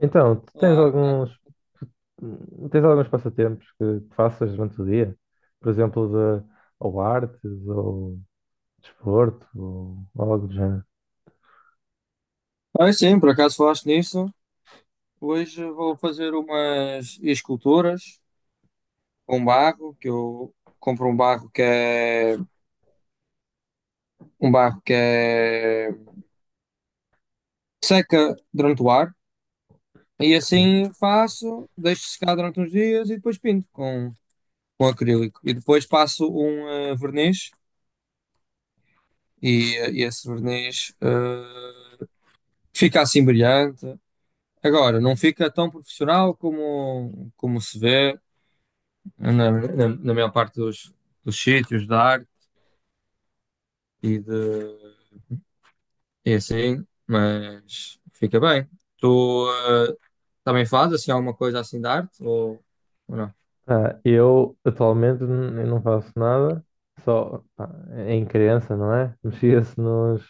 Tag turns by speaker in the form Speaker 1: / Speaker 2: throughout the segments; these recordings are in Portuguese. Speaker 1: Então, tu tens
Speaker 2: Olá, tá.
Speaker 1: alguns, tens alguns passatempos que faças durante o dia? Por exemplo, de, ou artes, ou desporto, ou algo do género.
Speaker 2: Ah, sim, por acaso falaste nisso. Hoje vou fazer umas esculturas com barro, que eu compro um barro que é um barro que é seca durante o ar e
Speaker 1: que-
Speaker 2: assim faço, deixo secar durante uns dias e depois pinto com acrílico. E depois passo um verniz e esse verniz fica assim brilhante. Agora, não fica tão profissional como, como se vê na maior parte dos sítios da arte e, de, e assim, mas fica bem. Tu eh, também fazes assim, alguma coisa assim de arte ou não?
Speaker 1: Ah, eu, atualmente, eu não faço nada, só pá, em criança, não é? Mexia-se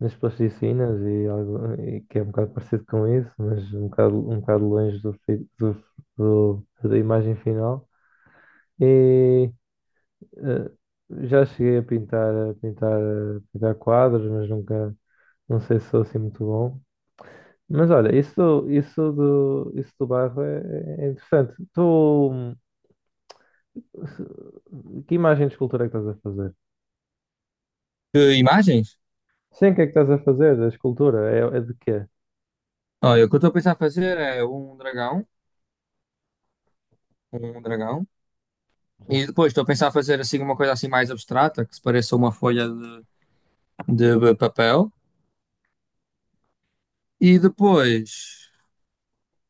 Speaker 1: nas plasticinas e, e que é um bocado parecido com isso, mas um bocado longe do, fi- do, do- da imagem final. Eh, Já cheguei a pintar quadros, mas nunca, não sei se sou assim muito bom. Mas olha, isso do barro é interessante. Tu, hum, que imagem de escultura é que estás a fazer?
Speaker 2: Que imagens?
Speaker 1: Sim, o que é que estás a fazer da escultura? É de quê?
Speaker 2: Olha, o que eu estou a pensar fazer é um dragão,
Speaker 1: Sim,
Speaker 2: e depois estou a pensar fazer assim uma coisa assim mais abstrata, que se pareça uma folha de papel, e depois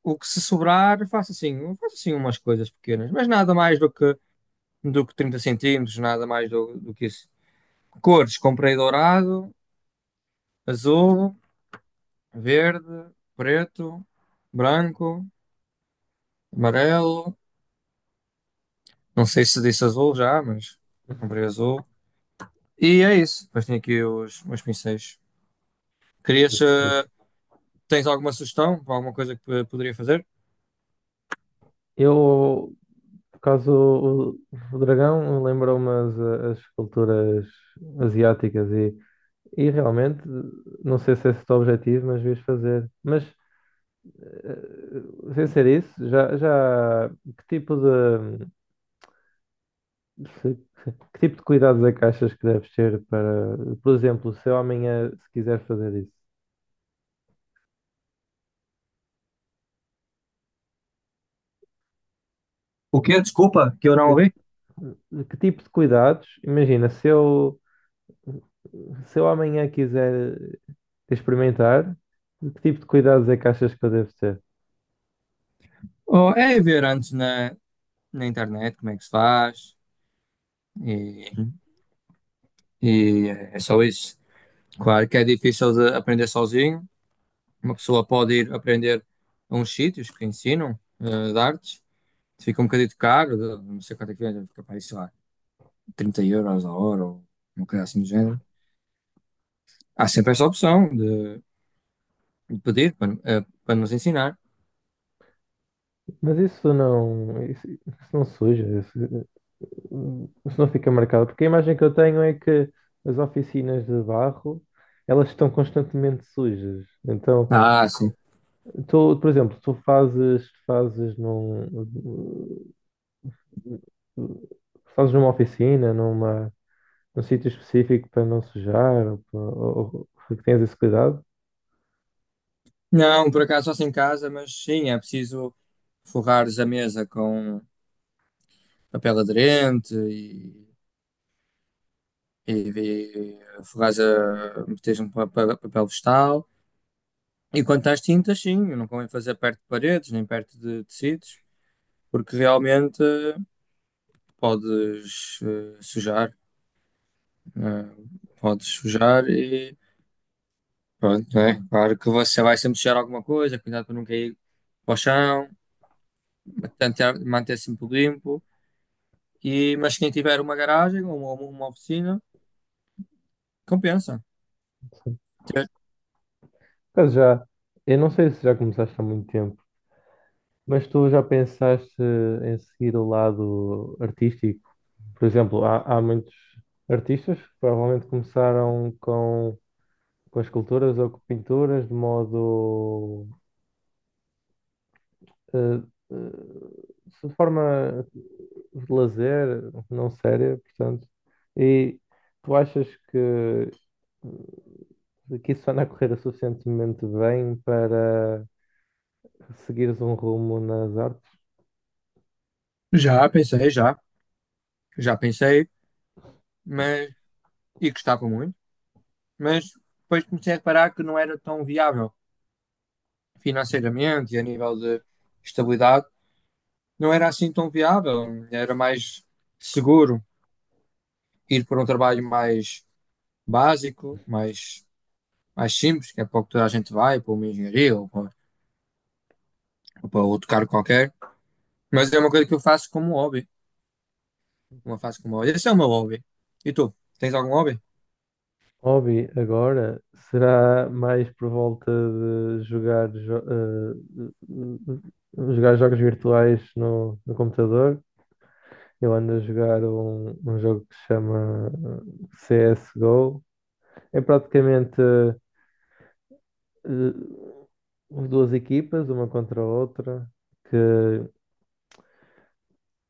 Speaker 2: o que se sobrar faço assim umas coisas pequenas, mas nada mais do que 30 centímetros, nada mais do que isso. Cores, comprei dourado, azul, verde, preto, branco, amarelo. Não sei se disse azul já, mas comprei azul. E é isso. Depois tenho aqui os meus pincéis. Querias, eh,
Speaker 1: desse.
Speaker 2: Tens alguma sugestão para alguma coisa que poderia fazer?
Speaker 1: Eu, por causa do o dragão, lembrou-me as esculturas asiáticas e realmente, não sei se é esse o teu objetivo, mas devias fazer. Sem ser isso, já que tipo de se- que tipo de cuidados é que achas que deves ter para, por exemplo, se eu amanhã se quiser fazer isso,
Speaker 2: O quê? Desculpa, que eu não
Speaker 1: eh,
Speaker 2: ouvi.
Speaker 1: que tipo de cuidados? Imagina, se eu amanhã quiser experimentar, que tipo de cuidados é que achas que eu devo ter?
Speaker 2: Oh, é ver antes na internet como é que se faz e, e é só isso. Claro que é difícil de aprender sozinho, uma pessoa pode ir aprender a uns sítios que ensinam de artes, fica um bocadinho caro, não sei quanto é que é, fica para aí, sei lá, 30 euros a hora ou uma coisa assim do género. Há sempre essa opção de pedir para, para nos ensinar.
Speaker 1: Mas isso não suja, isso não fica marcado, porque a imagem que eu tenho é que as oficinas de barro, elas estão constantemente sujas. Então,
Speaker 2: Ah, sim.
Speaker 1: tu, por exemplo, tu fazes numa oficina, num sítio específico para não sujar, ou que tens esse cuidado?
Speaker 2: Não, por acaso faço em casa, mas sim, é preciso forrares a mesa com papel aderente e, e forrares a, meteres um papel, papel vegetal. E quanto às tintas, sim, não convém fazer perto de paredes, nem perto de tecidos, porque realmente podes sujar, né? Podes sujar e pronto, né? Claro que você vai sempre sujar alguma coisa, cuidado para não cair para o chão, tentar manter sempre tudo limpo. E, mas quem tiver uma garagem ou uma oficina, compensa.
Speaker 1: Sim. Por já, eu não sei se já começaste há muito tempo. Mas tu já pensaste em seguir o lado artístico? Por exemplo, há muitos artistas que provavelmente começaram com esculturas ou com pinturas de modo, eh, eh, de forma de lazer, não séria, portanto. E tu achas que isso anda a correr suficientemente bem para seguires um rumo nas artes?
Speaker 2: Já pensei, já, já pensei, mas e gostava muito, mas depois comecei a reparar que não era tão viável financeiramente e a nível de estabilidade não era assim tão viável, era mais seguro ir para um trabalho mais básico, mais, mais simples, que é para o que toda a gente vai, para uma engenharia ou para outro cargo qualquer. Mas é uma coisa que eu faço como hobby, uma faço como hobby. Esse é o meu hobby. E tu, tens algum hobby?
Speaker 1: Hobby agora será mais por volta de jogar jogos virtuais no computador. Eu ando a jogar um jogo que se chama eh, CSGO. É praticamente eh, duas equipas, uma contra a outra, que,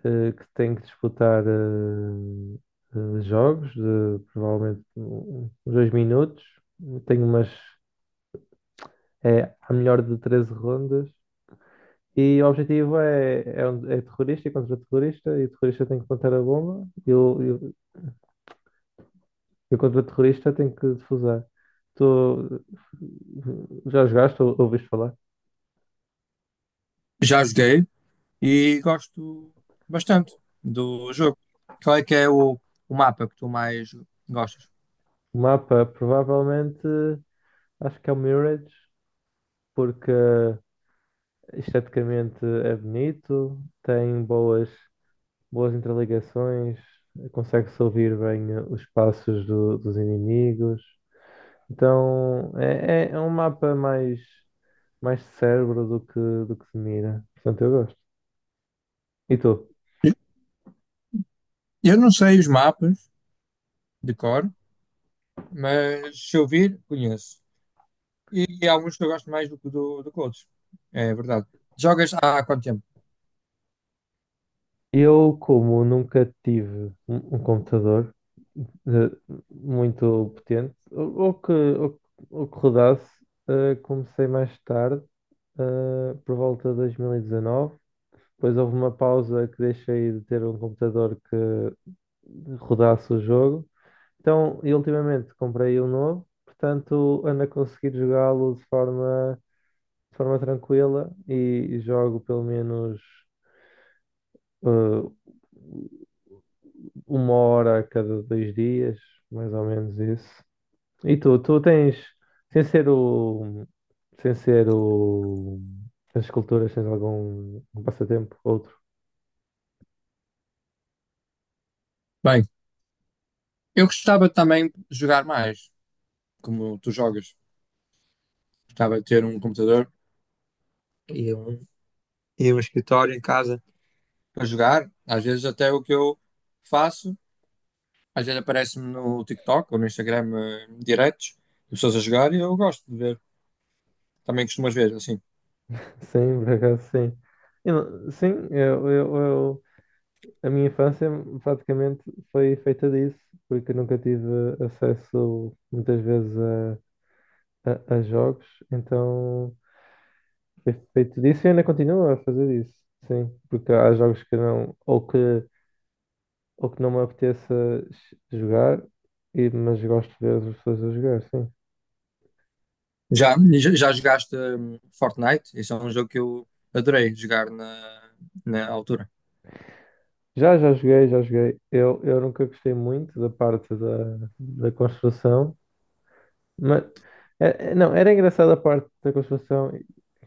Speaker 1: que tem que disputar jogos de provavelmente uns 2 minutos. Tenho umas. É a melhor de 13 rondas. E o objetivo é terrorista e contra terrorista, e o terrorista tem que plantar a bomba, e o contra terrorista tem que defusar. Tu já jogaste ou ouviste falar?
Speaker 2: Já joguei e gosto bastante do jogo. Qual é que é o mapa que tu mais gostas?
Speaker 1: O mapa provavelmente acho que é o Mirage, porque esteticamente é bonito, tem boas interligações, consegue-se ouvir bem os passos dos inimigos. Então é um mapa mais cérebro do que se mira. Portanto, eu gosto. E tu?
Speaker 2: Eu não sei os mapas de cor, mas se eu vir, conheço. E há alguns que eu gosto mais do que do que outros. É verdade. Jogas há quanto tempo?
Speaker 1: Eu, como nunca tive um computador eh, muito potente, ou que rodasse, comecei mais tarde, por volta de 2019. Depois houve uma pausa que deixei de ter um computador que rodasse o jogo. Então, e ultimamente comprei um novo, portanto, ando a conseguir jogá-lo de forma tranquila e jogo pelo menos eh, 1 hora a cada 2 dias, mais ou menos isso. E tu tens, sem ser o, sem ser o, as esculturas, tens algum um passatempo, outro?
Speaker 2: Bem, eu gostava também de jogar mais, como tu jogas. Gostava de ter um computador e um, e um escritório em casa para jogar. Às vezes até o que eu faço, às vezes aparece-me no TikTok ou no Instagram diretos, de pessoas a jogar e eu gosto de ver. Também costumas ver, assim.
Speaker 1: Sim, por acaso sim. Eu não- Sim, a minha infância praticamente foi feita disso, porque eu nunca tive acesso muitas vezes a jogos, então ter feito disso e ainda continuo a fazer isso. Sim, porque há jogos que não, ou que não me apeteça jogar, e, mas gosto de ver as pessoas a jogar, sim.
Speaker 2: Já, já, já jogaste Fortnite? Esse é um jogo que eu adorei jogar na, na altura.
Speaker 1: Já, já joguei, já joguei. Eu nunca gostei muito da parte da construção, mas não, era engraçada a parte da construção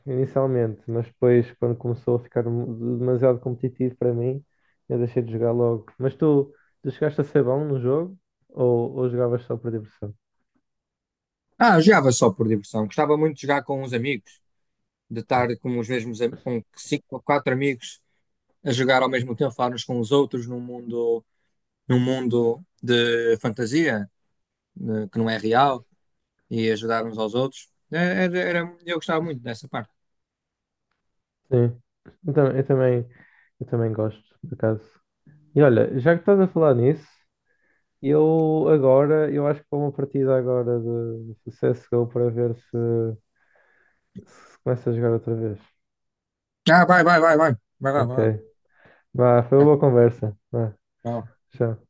Speaker 1: inicialmente, mas depois quando começou a ficar demasiado competitivo para mim, eu deixei de jogar logo. Mas tu, tu chegaste a ser bom no jogo ou jogavas só por diversão?
Speaker 2: Ah, eu jogava só por diversão. Gostava muito de jogar com uns amigos, de estar com os mesmos, com cinco ou quatro amigos a jogar ao mesmo tempo, a falar uns com os outros num mundo de fantasia, né, que não é real, e ajudar uns aos outros. É, eu gostava muito dessa parte.
Speaker 1: Sim. Eu tam- eu também, eu também, gosto, por acaso. E olha, já que estás a falar nisso, eu acho que vou uma partida agora de CSGO para ver se começa a jogar outra vez.
Speaker 2: Ah, vai, vai, vai, vai. Vai, vai, vai,
Speaker 1: Ok.
Speaker 2: vai.
Speaker 1: Vá, foi uma
Speaker 2: Vai,
Speaker 1: boa conversa. Vá, tchau.